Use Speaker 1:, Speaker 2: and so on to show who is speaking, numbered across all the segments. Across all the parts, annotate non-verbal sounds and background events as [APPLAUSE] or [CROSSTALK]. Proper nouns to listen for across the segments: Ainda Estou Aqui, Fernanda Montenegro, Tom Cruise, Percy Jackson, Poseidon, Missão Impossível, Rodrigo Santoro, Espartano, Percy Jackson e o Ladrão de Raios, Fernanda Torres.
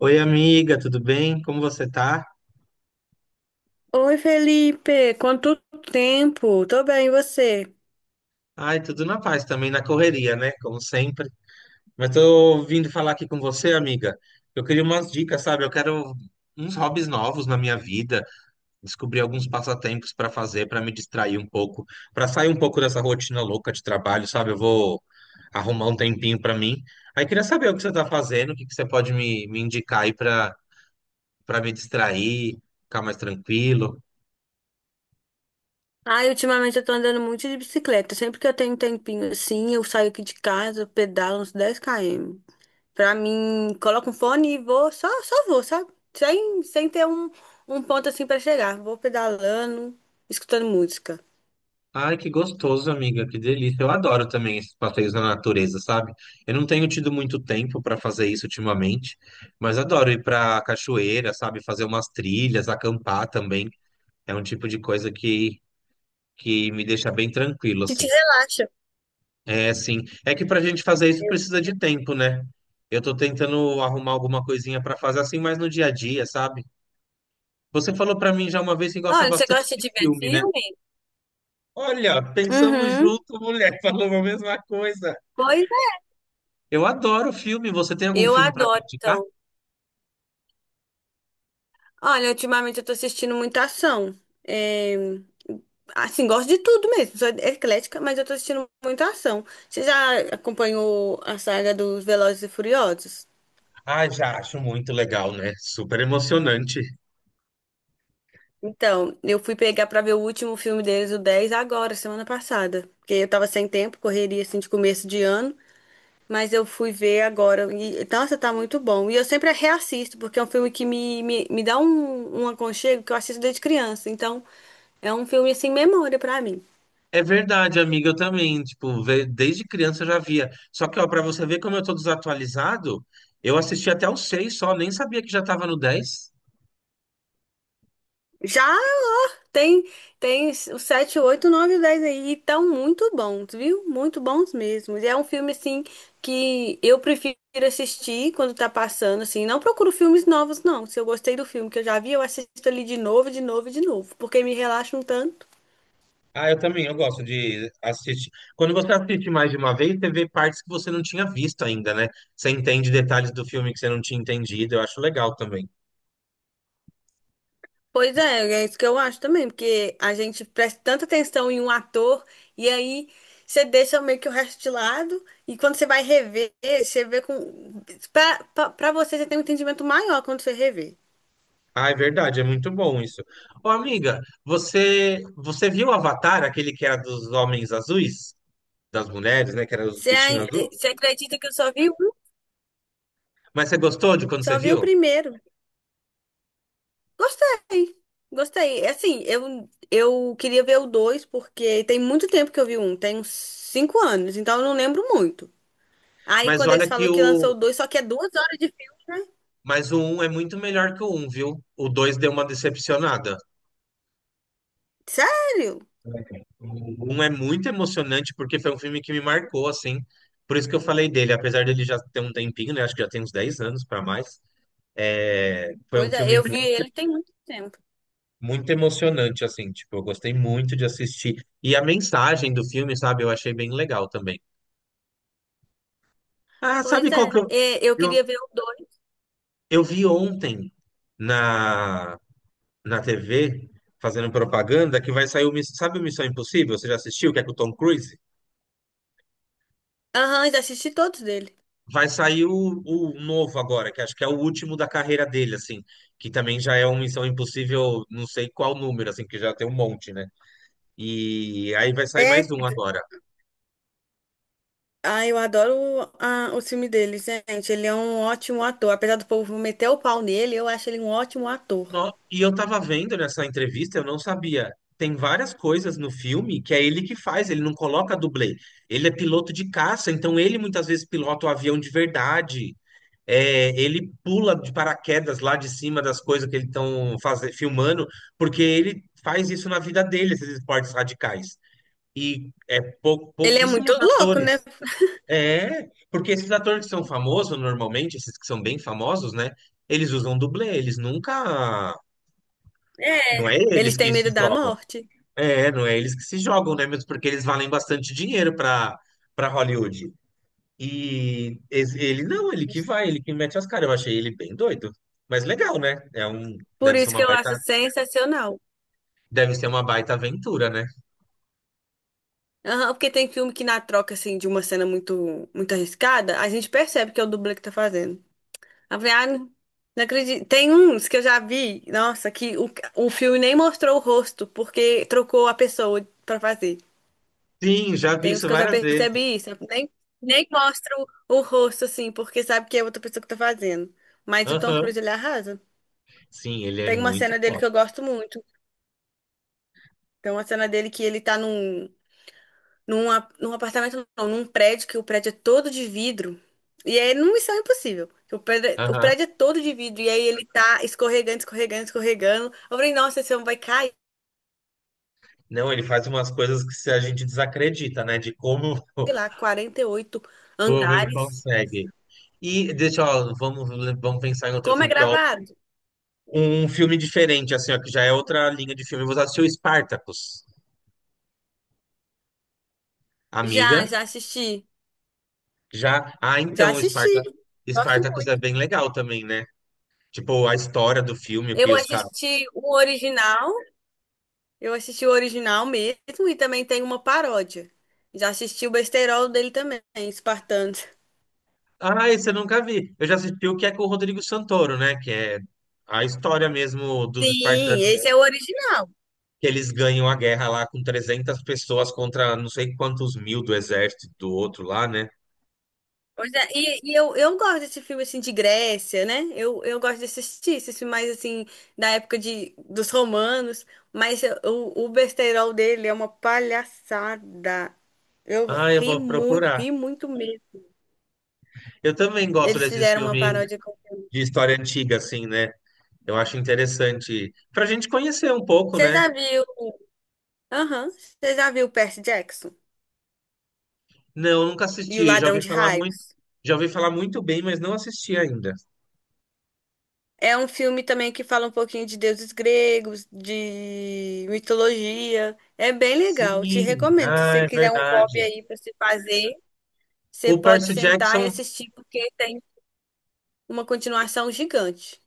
Speaker 1: Oi, amiga, tudo bem? Como você tá?
Speaker 2: Oi, Felipe! Quanto tempo? Tô bem, e você?
Speaker 1: Ai, tudo na paz também, na correria, né? Como sempre. Mas tô vindo falar aqui com você, amiga. Eu queria umas dicas, sabe? Eu quero uns hobbies novos na minha vida, descobrir alguns passatempos para fazer, para me distrair um pouco, para sair um pouco dessa rotina louca de trabalho, sabe? Eu vou arrumar um tempinho para mim. Aí queria saber o que você tá fazendo, o que que você pode me indicar aí para me distrair, ficar mais tranquilo.
Speaker 2: Ai, ultimamente eu tô andando muito de bicicleta. Sempre que eu tenho um tempinho assim, eu saio aqui de casa, eu pedalo uns dez km. Pra mim, coloco um fone e vou, só vou, sabe? Sem ter um ponto assim pra chegar. Vou pedalando, escutando música.
Speaker 1: Ai, que gostoso, amiga, que delícia. Eu adoro também esses passeios na natureza, sabe? Eu não tenho tido muito tempo para fazer isso ultimamente, mas adoro ir para cachoeira, sabe? Fazer umas trilhas, acampar também. É um tipo de coisa que me deixa bem tranquilo,
Speaker 2: Que
Speaker 1: assim.
Speaker 2: te relaxa.
Speaker 1: É, sim. É que pra gente fazer isso precisa de tempo, né? Eu tô tentando arrumar alguma coisinha para fazer assim, mas no dia a dia, sabe? Você falou para mim já uma vez que gosta
Speaker 2: Olha, você
Speaker 1: bastante
Speaker 2: gosta
Speaker 1: de
Speaker 2: de ver
Speaker 1: filme, né?
Speaker 2: filme?
Speaker 1: Olha, pensamos
Speaker 2: Uhum.
Speaker 1: junto, mulher, [LAUGHS] falou a mesma coisa.
Speaker 2: Pois é.
Speaker 1: Eu adoro filme. Você tem algum
Speaker 2: Eu
Speaker 1: filme para me
Speaker 2: adoro,
Speaker 1: indicar?
Speaker 2: então. Olha, ultimamente eu tô assistindo muita ação. É, assim, gosto de tudo mesmo. Sou eclética, mas eu tô assistindo muita ação. Você já acompanhou a saga dos Velozes e Furiosos?
Speaker 1: Ah, já acho muito legal, né? Super emocionante.
Speaker 2: Então, eu fui pegar pra ver o último filme deles, o 10 agora, semana passada. Porque eu tava sem tempo, correria assim de começo de ano. Mas eu fui ver agora. E, nossa, tá muito bom. E eu sempre reassisto, porque é um filme que me dá um aconchego que eu assisto desde criança. Então, é um filme assim, memória pra mim.
Speaker 1: É verdade, amiga, eu também, tipo, desde criança eu já via. Só que, ó, pra você ver como eu tô desatualizado, eu assisti até o 6. Só, nem sabia que já tava no 10.
Speaker 2: Já Tem, tem o 7 8 9 e 10 aí, e tão muito bons, viu? Muito bons mesmo. E é um filme, assim, que eu prefiro assistir quando tá passando, assim. Não procuro filmes novos, não. Se eu gostei do filme que eu já vi, eu assisto ali de novo, e de novo, porque me relaxa um tanto.
Speaker 1: Ah, eu também, eu gosto de assistir. Quando você assiste mais de uma vez, você vê partes que você não tinha visto ainda, né? Você entende detalhes do filme que você não tinha entendido, eu acho legal também.
Speaker 2: Pois é, é isso que eu acho também, porque a gente presta tanta atenção em um ator e aí você deixa meio que o resto de lado e quando você vai rever, você vê com... Pra você tem um entendimento maior quando você rever.
Speaker 1: Ah, é verdade, é muito bom isso. Ô, amiga, você viu Avatar, aquele que era dos homens azuis, das mulheres, né, que era os bichinhos azuis.
Speaker 2: Você acredita que eu só vi um?
Speaker 1: Mas você gostou de quando
Speaker 2: Só
Speaker 1: você
Speaker 2: vi o
Speaker 1: viu?
Speaker 2: primeiro. Gostei. Gostei. É assim, eu queria ver o dois, porque tem muito tempo que eu vi um. Tem uns cinco anos, então eu não lembro muito. Aí
Speaker 1: Mas
Speaker 2: quando eles
Speaker 1: olha que
Speaker 2: falaram que lançou
Speaker 1: o
Speaker 2: o dois, só que é duas horas de filme, né?
Speaker 1: mas o 1 é muito melhor que o um, viu? O 2 deu uma decepcionada.
Speaker 2: Sério?
Speaker 1: O 1 é muito emocionante porque foi um filme que me marcou assim. Por isso que eu falei dele, apesar dele já ter um tempinho, né, acho que já tem uns 10 anos para mais. É, foi um
Speaker 2: Pois é,
Speaker 1: filme
Speaker 2: eu vi ele tem muito tempo.
Speaker 1: muito emocionante, assim, tipo, eu gostei muito de assistir. E a mensagem do filme, sabe, eu achei bem legal também. Ah,
Speaker 2: Pois
Speaker 1: sabe qual que
Speaker 2: é, eu
Speaker 1: eu,
Speaker 2: queria ver o dois.
Speaker 1: eu vi ontem na, na TV, fazendo propaganda, que vai sair sabe o Missão Impossível? Você já assistiu? Que é com o Tom Cruise?
Speaker 2: Aham, já assisti todos dele.
Speaker 1: Vai sair o novo agora, que acho que é o último da carreira dele, assim, que também já é um Missão Impossível, não sei qual número, assim, que já tem um monte, né? E aí vai sair mais
Speaker 2: É
Speaker 1: um agora.
Speaker 2: Eu adoro o filme dele, gente. Ele é um ótimo ator. Apesar do povo meter o pau nele, eu acho ele um ótimo ator.
Speaker 1: E eu tava vendo nessa entrevista, eu não sabia. Tem várias coisas no filme que é ele que faz, ele não coloca dublê. Ele é piloto de caça, então ele muitas vezes pilota o avião de verdade. É, ele pula de paraquedas lá de cima das coisas que eles estão filmando, porque ele faz isso na vida dele, esses esportes radicais. E é
Speaker 2: Ele é muito
Speaker 1: pouquíssimos
Speaker 2: louco, né?
Speaker 1: atores. É, porque esses atores que são famosos, normalmente, esses que são bem famosos, né? Eles usam dublê, eles nunca
Speaker 2: É.
Speaker 1: não é
Speaker 2: Eles
Speaker 1: eles
Speaker 2: têm
Speaker 1: que se
Speaker 2: medo da
Speaker 1: jogam.
Speaker 2: morte.
Speaker 1: É, não é eles que se jogam, né? Mesmo porque eles valem bastante dinheiro para para Hollywood. E ele não, ele que vai, ele que mete as caras. Eu achei ele bem doido. Mas legal, né? É um,
Speaker 2: Por isso que eu acho sensacional.
Speaker 1: deve ser uma baita aventura, né?
Speaker 2: Aham, porque tem filme que na troca, assim, de uma cena muito, muito arriscada, a gente percebe que é o dublê que tá fazendo. Não, não acredito. Tem uns que eu já vi, nossa, o filme nem mostrou o rosto, porque trocou a pessoa pra fazer.
Speaker 1: Sim, já vi
Speaker 2: Tem uns
Speaker 1: isso
Speaker 2: que eu já
Speaker 1: várias vezes.
Speaker 2: percebi isso. Eu nem, Nem mostro o rosto, assim, porque sabe que é outra pessoa que tá fazendo. Mas o Tom
Speaker 1: Aham.
Speaker 2: Cruise, ele arrasa.
Speaker 1: Sim, ele é
Speaker 2: Tem uma
Speaker 1: muito
Speaker 2: cena dele que
Speaker 1: foda.
Speaker 2: eu gosto muito. Tem uma cena dele que ele tá num apartamento, não, num prédio, que o prédio é todo de vidro. E aí, numa missão impossível. O
Speaker 1: Aham.
Speaker 2: prédio é todo de vidro. E aí ele tá escorregando, escorregando, escorregando. Eu falei, nossa, esse homem vai cair,
Speaker 1: Não, ele faz umas coisas que se a gente desacredita, né? De como,
Speaker 2: sei
Speaker 1: [LAUGHS]
Speaker 2: lá, 48
Speaker 1: como ele
Speaker 2: andares.
Speaker 1: consegue. E vamos pensar em outro
Speaker 2: Como é
Speaker 1: filme que eu
Speaker 2: gravado?
Speaker 1: um filme diferente, assim, ó, que já é outra linha de filme. Você assistiu Spartacus, amiga?
Speaker 2: Já, já assisti.
Speaker 1: Já. Ah,
Speaker 2: Já
Speaker 1: então,
Speaker 2: assisti. Gosto
Speaker 1: Spartacus é
Speaker 2: muito.
Speaker 1: bem legal também, né? Tipo, a história do filme, o que
Speaker 2: Eu
Speaker 1: os caras.
Speaker 2: assisti o original, eu assisti o original mesmo e também tem uma paródia. Já assisti o besterol dele também, Espartanos.
Speaker 1: Ah, esse eu nunca vi. Eu já assisti o que é com o Rodrigo Santoro, né? Que é a história mesmo dos
Speaker 2: Sim,
Speaker 1: espartanos,
Speaker 2: esse é o original.
Speaker 1: que eles ganham a guerra lá com 300 pessoas contra não sei quantos mil do exército do outro lá, né?
Speaker 2: Pois é, eu gosto desse filme assim de Grécia, né? Eu gosto de assistir esses filmes mais assim dos romanos, mas o besterol dele é uma palhaçada. Eu
Speaker 1: Ah, eu vou procurar.
Speaker 2: ri muito mesmo.
Speaker 1: Eu também gosto
Speaker 2: Eles
Speaker 1: desses
Speaker 2: fizeram uma
Speaker 1: filmes
Speaker 2: paródia com.
Speaker 1: de história antiga, assim, né? Eu acho interessante para a gente conhecer um pouco,
Speaker 2: Você
Speaker 1: né?
Speaker 2: já viu? Aham. Você já viu Percy Jackson
Speaker 1: Não, nunca
Speaker 2: e o
Speaker 1: assisti. Já
Speaker 2: Ladrão
Speaker 1: ouvi
Speaker 2: de
Speaker 1: falar muito,
Speaker 2: Raios?
Speaker 1: já ouvi falar muito bem, mas não assisti ainda.
Speaker 2: É um filme também que fala um pouquinho de deuses gregos, de mitologia. É bem legal. Te
Speaker 1: Sim,
Speaker 2: recomendo. Se
Speaker 1: ah,
Speaker 2: você
Speaker 1: é
Speaker 2: quiser um hobby
Speaker 1: verdade.
Speaker 2: aí para se fazer, você
Speaker 1: O
Speaker 2: pode
Speaker 1: Percy
Speaker 2: sentar e
Speaker 1: Jackson,
Speaker 2: assistir porque tem uma continuação gigante.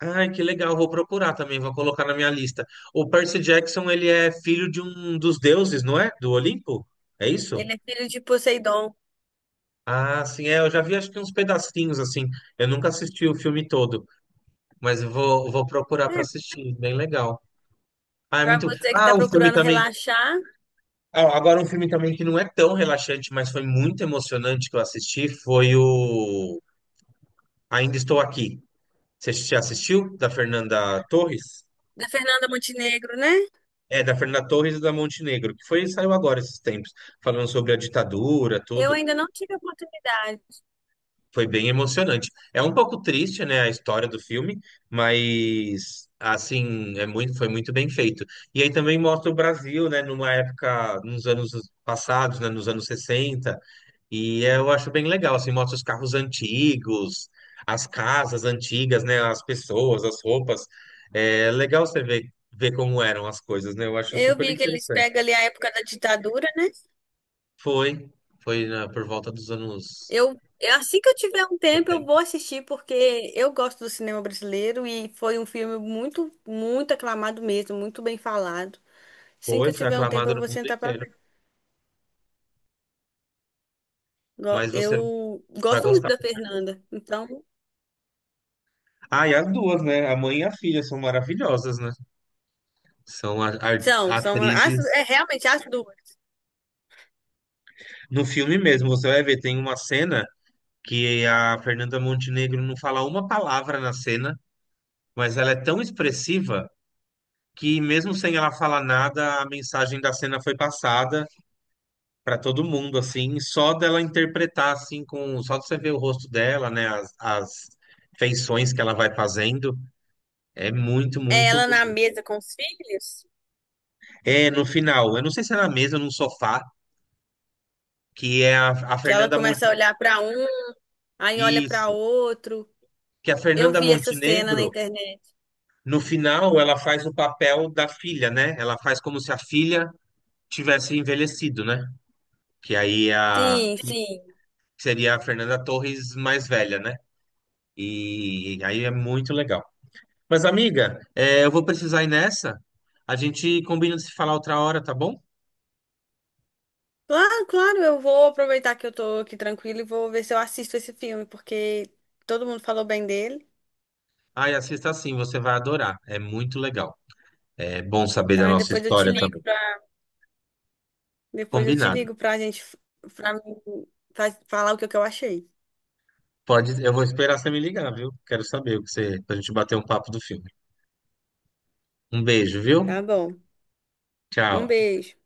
Speaker 1: ai, que legal. Vou procurar também, vou colocar na minha lista. O Percy Jackson, ele é filho de um dos deuses, não é? Do Olimpo? É isso?
Speaker 2: Ele é filho de Poseidon.
Speaker 1: Ah, sim, é. Eu já vi acho que uns pedacinhos assim. Eu nunca assisti o filme todo, mas eu vou procurar para
Speaker 2: É,
Speaker 1: assistir. Bem legal. Ah, é
Speaker 2: para
Speaker 1: muito.
Speaker 2: você que
Speaker 1: Ah,
Speaker 2: está
Speaker 1: o filme
Speaker 2: procurando
Speaker 1: também.
Speaker 2: relaxar,
Speaker 1: Ah, agora, um filme também que não é tão relaxante, mas foi muito emocionante que eu assisti, foi o Ainda Estou Aqui. Você já assistiu? Da Fernanda Torres?
Speaker 2: da Fernanda Montenegro, né?
Speaker 1: É, da Fernanda Torres e da Montenegro, que foi, saiu agora esses tempos, falando sobre a ditadura,
Speaker 2: Eu
Speaker 1: tudo.
Speaker 2: ainda não tive a oportunidade.
Speaker 1: Foi bem emocionante. É um pouco triste, né, a história do filme, mas, assim, é muito, foi muito bem feito. E aí também mostra o Brasil, né, numa época, nos anos passados, né, nos anos 60. E eu acho bem legal, assim, mostra os carros antigos, as casas antigas, né? As pessoas, as roupas. É legal você ver, como eram as coisas, né? Eu acho
Speaker 2: Eu
Speaker 1: super
Speaker 2: vi que eles
Speaker 1: interessante.
Speaker 2: pegam ali a época da ditadura, né?
Speaker 1: Foi, foi, por volta dos anos
Speaker 2: Assim que eu tiver um tempo, eu
Speaker 1: 70.
Speaker 2: vou assistir, porque eu gosto do cinema brasileiro e foi um filme muito, muito aclamado mesmo, muito bem falado. Assim que
Speaker 1: Foi,
Speaker 2: eu
Speaker 1: foi
Speaker 2: tiver um tempo,
Speaker 1: aclamado
Speaker 2: eu
Speaker 1: no
Speaker 2: vou
Speaker 1: mundo
Speaker 2: sentar pra
Speaker 1: inteiro.
Speaker 2: ver.
Speaker 1: Mas você
Speaker 2: Eu
Speaker 1: vai
Speaker 2: gosto muito
Speaker 1: gostar,
Speaker 2: da
Speaker 1: com certeza.
Speaker 2: Fernanda. Então,
Speaker 1: Ah, e as duas, né? A mãe e a filha são maravilhosas, né? São atrizes.
Speaker 2: é realmente as duas.
Speaker 1: No filme mesmo, você vai ver, tem uma cena que a Fernanda Montenegro não fala uma palavra na cena, mas ela é tão expressiva que mesmo sem ela falar nada, a mensagem da cena foi passada para todo mundo, assim, só dela interpretar, assim, com só de você ver o rosto dela, né, as feições que ela vai fazendo, é muito,
Speaker 2: É
Speaker 1: muito
Speaker 2: ela na
Speaker 1: bonito.
Speaker 2: mesa com os filhos,
Speaker 1: É, no final, eu não sei se é na mesa ou num sofá, que é a
Speaker 2: que ela
Speaker 1: Fernanda
Speaker 2: começa a
Speaker 1: Montenegro,
Speaker 2: olhar pra um, aí olha pra
Speaker 1: isso,
Speaker 2: outro.
Speaker 1: que a
Speaker 2: Eu
Speaker 1: Fernanda
Speaker 2: vi essa cena na
Speaker 1: Montenegro,
Speaker 2: internet.
Speaker 1: no final, ela faz o papel da filha, né, ela faz como se a filha tivesse envelhecido, né? Que aí
Speaker 2: Sim,
Speaker 1: que
Speaker 2: sim.
Speaker 1: seria a Fernanda Torres mais velha, né? E aí é muito legal. Mas, amiga, é, eu vou precisar ir nessa. A gente combina de se falar outra hora, tá bom?
Speaker 2: Claro, claro, eu vou aproveitar que eu tô aqui tranquila e vou ver se eu assisto esse filme, porque todo mundo falou bem dele,
Speaker 1: Ai, assista sim, você vai adorar. É muito legal. É bom saber da
Speaker 2: tá?
Speaker 1: nossa história também.
Speaker 2: Depois eu te
Speaker 1: Combinado.
Speaker 2: ligo pra gente, pra mim, pra falar o que que eu achei.
Speaker 1: Pode, eu vou esperar você me ligar, viu? Quero saber o que você, pra gente bater um papo do filme. Um beijo, viu?
Speaker 2: Tá bom. Um
Speaker 1: Tchau.
Speaker 2: beijo.